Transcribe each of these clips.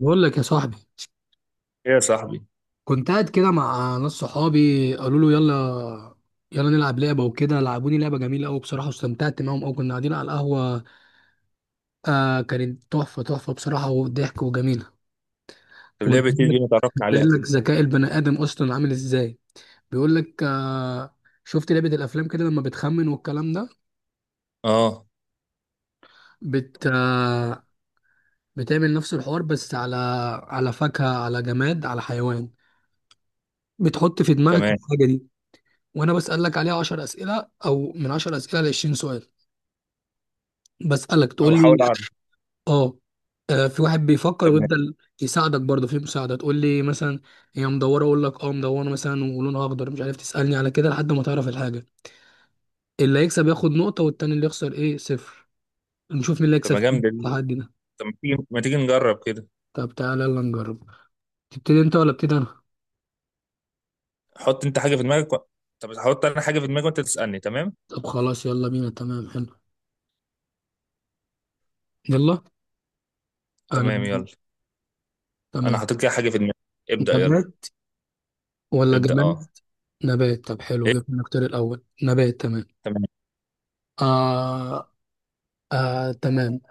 بقول لك يا صاحبي، ايه يا صاحبي. كنت قاعد كده مع ناس صحابي، قالوا له يلا يلا نلعب لعبه وكده. لعبوني لعبه جميله قوي بصراحه، واستمتعت معاهم قوي. كنا قاعدين على القهوه. كانت تحفه تحفه بصراحه وضحك وجميله. طب ليه بتيجي دي، ما تعرفنا عليها وبتبين لك كده؟ ذكاء البني ادم اصلا عامل ازاي. بيقول لك شفت لعبه الافلام كده لما بتخمن والكلام ده. اه. بت آه بتعمل نفس الحوار، بس على فاكهه، على جماد، على حيوان. بتحط في دماغك تمام. الحاجه دي، وانا بسألك عليها 10 اسئله، او من 10 اسئله ل 20 سؤال. بسألك تقول او لي حاول اعرف. اه. في واحد بيفكر تمام. ويفضل يساعدك برضه في مساعده. تقول لي مثلا هي مدوره، اقول لك مدوره مثلا ولونها اخضر، مش عارف تسألني على كده لحد ما تعرف الحاجه. اللي هيكسب ياخد نقطه، والتاني اللي يخسر ايه صفر. نشوف مين اللي طب هيكسب ما في جامده دي. التحدي ده. طب ما تيجي ما تيجي نجرب كده. طب تعالى يلا نجرب. تبتدي انت ولا ابتدي انا؟ حط انت حاجه في دماغك و... طب هحط انا حاجه في دماغي وانت تسالني، تمام. طب خلاص يلا بينا. تمام حلو. يلا. تمام انا يلا. انا تمام. حطيت كده حاجه في دماغي. ابدا يلا. نبات ولا ابدا، جماد؟ اه. نبات، طب حلو، ايه. جبنا نختار الاول نبات. تمام. تمام. آه تمام.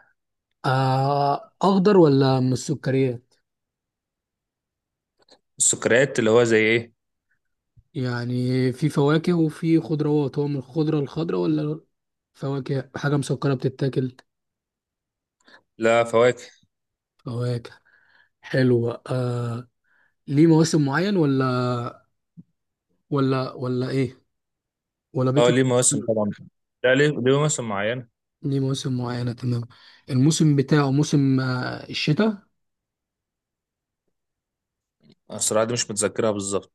أخضر ولا من السكريات؟ السكريات اللي هو زي ايه؟ يعني في فواكه وفي خضروات، هو من الخضرة الخضرة ولا فواكه، حاجة مسكرة بتتاكل؟ لا، فواكه. فواكه، حلو. ليه مواسم معين، ولا إيه؟ ولا اه، بيطلع ليه في مواسم السنة؟ طبعا. لا، ليه مواسم معينه. ليه مواسم معينة، تمام. الموسم بتاعه موسم الشتاء؟ أنا الصراحه دي مش متذكرها بالظبط.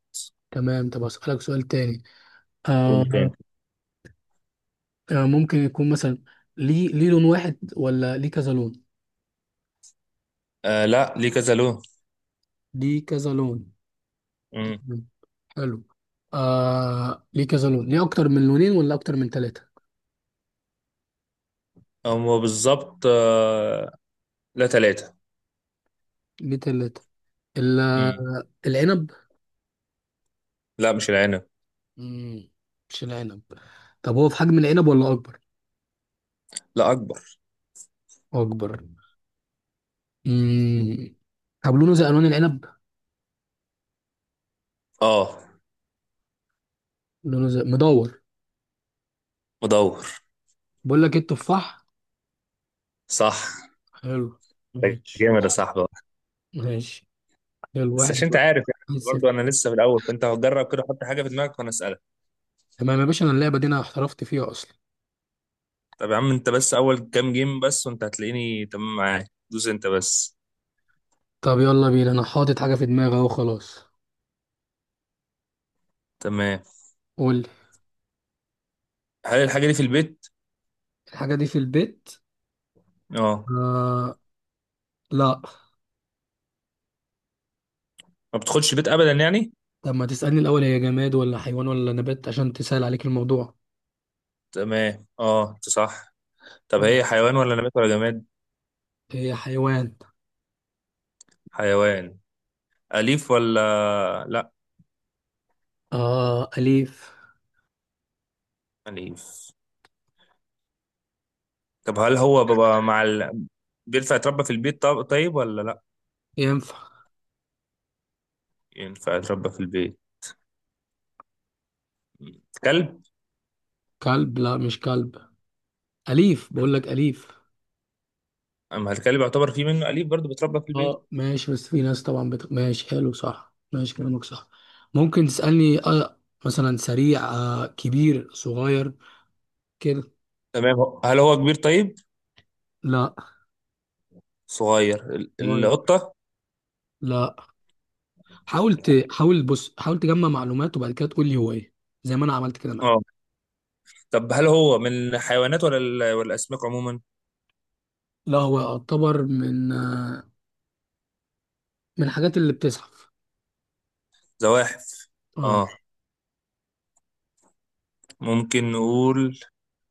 تمام، طب أسألك سؤال تاني. قول آه تاني. ممكن يكون مثلا ليه لون واحد ولا ليه كذا لون؟ لا، ليه كذا لون. ليه كذا لون. امم. مم. حلو. ليه كذا لون، ليه اكتر من لونين ولا اكتر من ثلاثة؟ هو بالظبط. لا، ثلاثه. ليه ثلاثة؟ العنب؟ لا، مش العنب. مم. مش العنب. طب هو في حجم العنب ولا اكبر؟ لا، اكبر. اكبر. مم. طب لونه زي الوان العنب. اه، لونه زي مدور. مدور. بقول لك ايه، التفاح. صح. حلو، ده ماشي. جامد يا صاحبي. ماشي حلو، بس واحد عشان انت عارف يعني واحد. برضه صفر. انا لسه في الاول، فانت هتجرب كده، حط حاجه في دماغك وانا اسالك. تمام يا باشا، انا اللعبة دي انا احترفت فيها اصلا. طب يا عم، انت بس اول كام جيم بس وانت هتلاقيني تمام معاك، دوس انت بس. طب يلا بينا، انا حاطط حاجة في دماغي اهو، خلاص. تمام. قول لي. هل الحاجه دي في البيت؟ الحاجة دي في البيت؟ اه. آه لا. ما بتخش البيت ابدا يعني. طب ما تسألني الأول هي جماد ولا حيوان ولا نبات عشان تسهل عليك الموضوع. تمام، اه انت صح. طب هي حيوان ولا نبات ولا جماد؟ هي حيوان. حيوان. اليف ولا لا؟ أليف. اليف. طب هل هو بابا مع ال... بينفع يتربى في البيت، طيب ولا لا؟ ينفع. ينفع يتربى في البيت. كلب. كلب؟ لا مش كلب، أليف بقول لك، أليف. اما الكلب يعتبر فيه منه اليف برضه بيتربى في البيت. اه ماشي، بس في ناس طبعا ماشي، حلو صح، ماشي كلامك صح. ممكن تسألني، مثلا سريع، كبير، صغير، كده. تمام. هل هو كبير طيب؟ لا صغير صغير. القطه. لا حاول حاول بص حاول تجمع معلومات، وبعد كده تقول لي هو ايه. زي ما انا عملت كده اه. معاك. طب هل هو من الحيوانات ولا ولا الاسماك عموما؟ لا هو يعتبر من من الحاجات اللي بتزحف. زواحف. اه. اه. ممكن نقول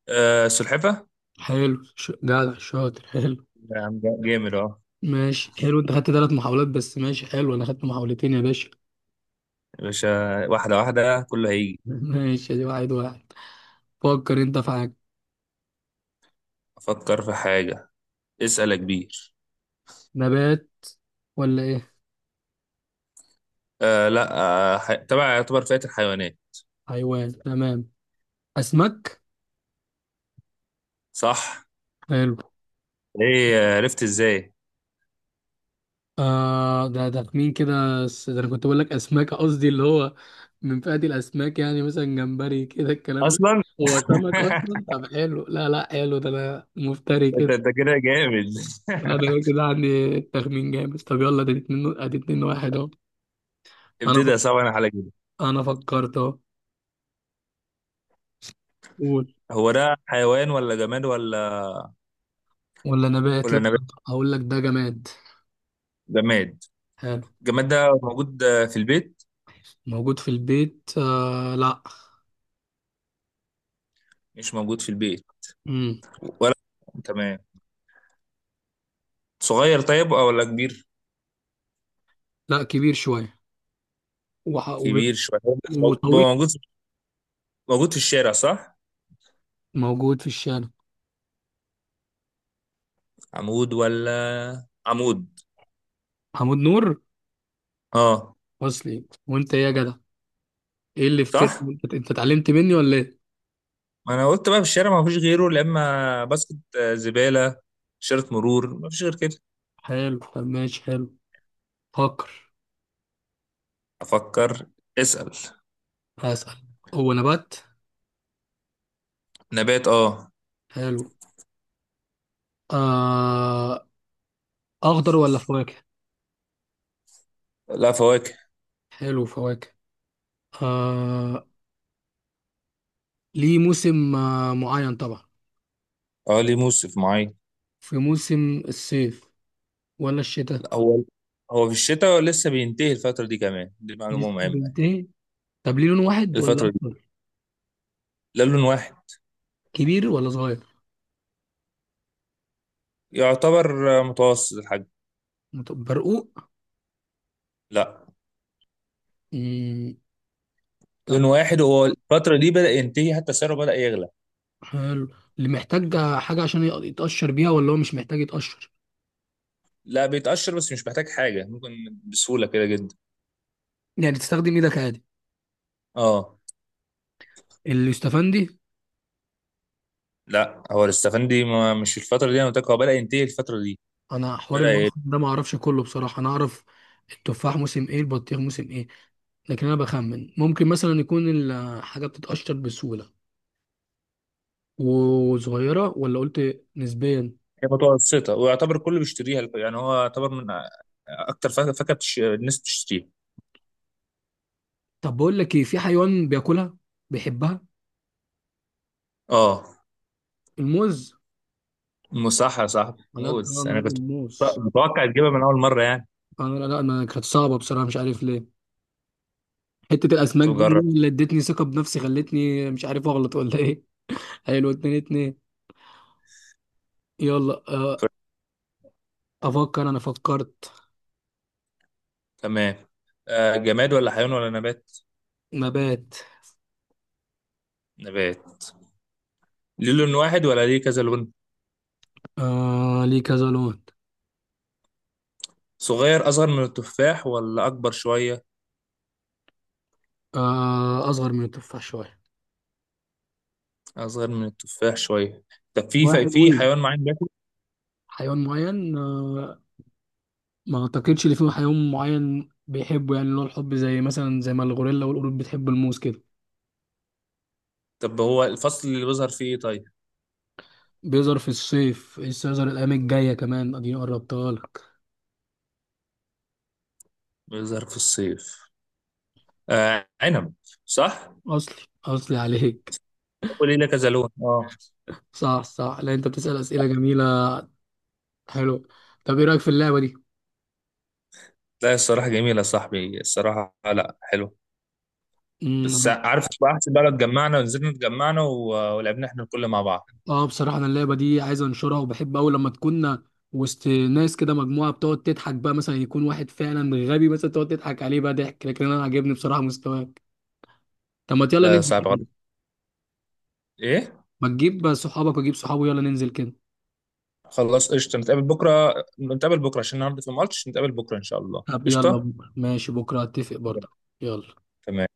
سلحفه. حلو جدع شاطر، حلو. يا عم جامد اه ماشي حلو، انت خدت ثلاث محاولات بس، ماشي حلو، انا خدت محاولتين يا باشا. يا باشا، واحده واحده كله هيجي. ماشي، ادي واحد واحد. فكر انت في حاجة. افكر في حاجه. اسال يا كبير. نبات ولا ايه؟ لا. تبع يعتبر فئه الحيوانات. حيوان. تمام. اسماك. صح. حلو. ايه، عرفت ازاي؟ ده مين كده ده انا كنت بقول لك اسماك قصدي اللي هو من فئة الاسماك، يعني مثلا جمبري كده الكلام ده اصلا. هو سمك اصلا. طب حلو، لا لا حلو، ده انا مفتري انت كده. انت كده جامد. لا ده أنا كده عندي التخمين جامد. طب يلا ده اتنين، ادي اتنين واحد اهو. انا فك... ابتدي صعب انا على كده. انا فكرت اهو. قول. هو ده حيوان ولا جماد ولا ولا نبات؟ ولا لا. نبات؟ هقول لك ده جماد. جماد. حلو. الجماد ده موجود في البيت. موجود في البيت؟ لا. مش موجود في البيت، مم. ولا. تمام. صغير طيب، او ولا كبير؟ لا كبير شويه، وح... وب... كبير شويه. وطويل. موجود. موجود في الشارع صح. موجود في الشارع. عمود ولا عمود. محمود نور، اه. وصلي وانت ايه يا جدع. ايه اللي فتر، صح، انت اتعلمت مني ولا ايه؟ ما انا قلت بقى في الشارع ما فيش غيره، لا اما باسكت زباله. شارة مرور ما فيش غير كده. حلو. طب ماشي، حلو. فكر. افكر. اسال. هسأل. هو نبات؟ نبات، اه. حلو. آه... اخضر ولا فواكه؟ لا، فواكه. حلو فواكه. آه... ليه موسم معين طبعا. اه، ليه موسم معين. في موسم الصيف ولا الشتاء؟ هو هو في الشتاء لسه بينتهي الفترة دي كمان، دي معلومة لسه مهمة. بينتهي. طب ليه لون واحد ولا الفترة دي اكتر؟ لا، لون واحد. كبير ولا صغير؟ يعتبر متوسط الحجم. طب برقوق؟ لا، مم. لون طب واحد. هو الفترة دي بدأ ينتهي، حتى سعره بدأ يغلى. حلو. اللي محتاج حاجه عشان يتقشر بيها ولا هو مش محتاج يتقشر. لا، بيتقشر بس مش محتاج حاجة، ممكن بسهولة كده جدا. يعني تستخدم ايدك عادي. اه. اليوستفندي. لا، هو الاستفندي ما مش الفترة دي، انا قلت لك هو بدأ ينتهي الفترة دي، انا حوار بدأ يغلى. الموسم ده ما اعرفش كله بصراحه، انا اعرف التفاح موسم ايه، البطيخ موسم ايه، لكن انا بخمن ممكن مثلا يكون الحاجه بتتقشر بسهوله وصغيره، ولا قلت نسبيا. هي متوسطة ويعتبر كله بيشتريها، يعني هو يعتبر من أكتر فاكهة الناس بتشتريها. طب بقول لك ايه، في حيوان بياكلها بيحبها. اه. الموز. مو صح يا صاحبي، لا طبعا موز. انا انا راجل كنت موز. متوقع تجيبها من اول مره يعني. انا لا لا انا كانت صعبه بصراحه مش عارف ليه، حته الاسماك دي تجرب. اللي ادتني ثقه بنفسي خلتني مش عارف اغلط ولا ايه. حلو، اتنين اتنين. يلا، افكر. انا فكرت. تمام. جماد ولا حيوان ولا نبات؟ نبات. نبات. ليه لون واحد ولا ليه كذا لون؟ ليه كذا لون. صغير، اصغر من التفاح ولا اكبر شويه؟ اصغر من التفاح شويه اصغر من التفاح شويه. طب في واحد في وين. حيوان معين بياكل. حيوان معين، ما اعتقدش ان في حيوان معين بيحبه يعني اللي هو الحب، زي مثلا زي ما الغوريلا والقرود بتحب الموز كده. طب هو الفصل اللي بيظهر فيه ايه طيب؟ بيظهر في الصيف لسه يظهر الأيام الجاية كمان، اديني قربتها لك. بيظهر في الصيف. آه، عنب. صح. أصلي. أصلي عليك. هو ليه كذا لون اه. صح صح، لا أنت بتسأل أسئلة جميلة. حلو. طب إيه رأيك في اللعبة دي؟ لا الصراحه جميله يا صاحبي الصراحه، لا حلو. بس امم عارف بقى، احسن بقى لو اتجمعنا ونزلنا اتجمعنا ولعبنا احنا الكل مع بعض. بصراحة أنا اللعبة دي عايز أنشرها، وبحب أوي لما تكون وسط ناس كده مجموعة بتقعد تضحك بقى، مثلا يكون واحد فعلا غبي مثلا تقعد تضحك عليه بقى ضحك. لكن أنا عاجبني بصراحة مستواك. طب ما يلا لا، ننزل صعب كده، غلط. ايه. ما تجيب صحابك وأجيب صحابي، يلا ننزل كده. خلاص قشطه، نتقابل بكره. نتقابل بكره عشان النهارده في ماتش، نتقابل بكره ان شاء الله طب يلا قشطه. بكرة، ماشي بكرة هتفق برضه. يلا تمام.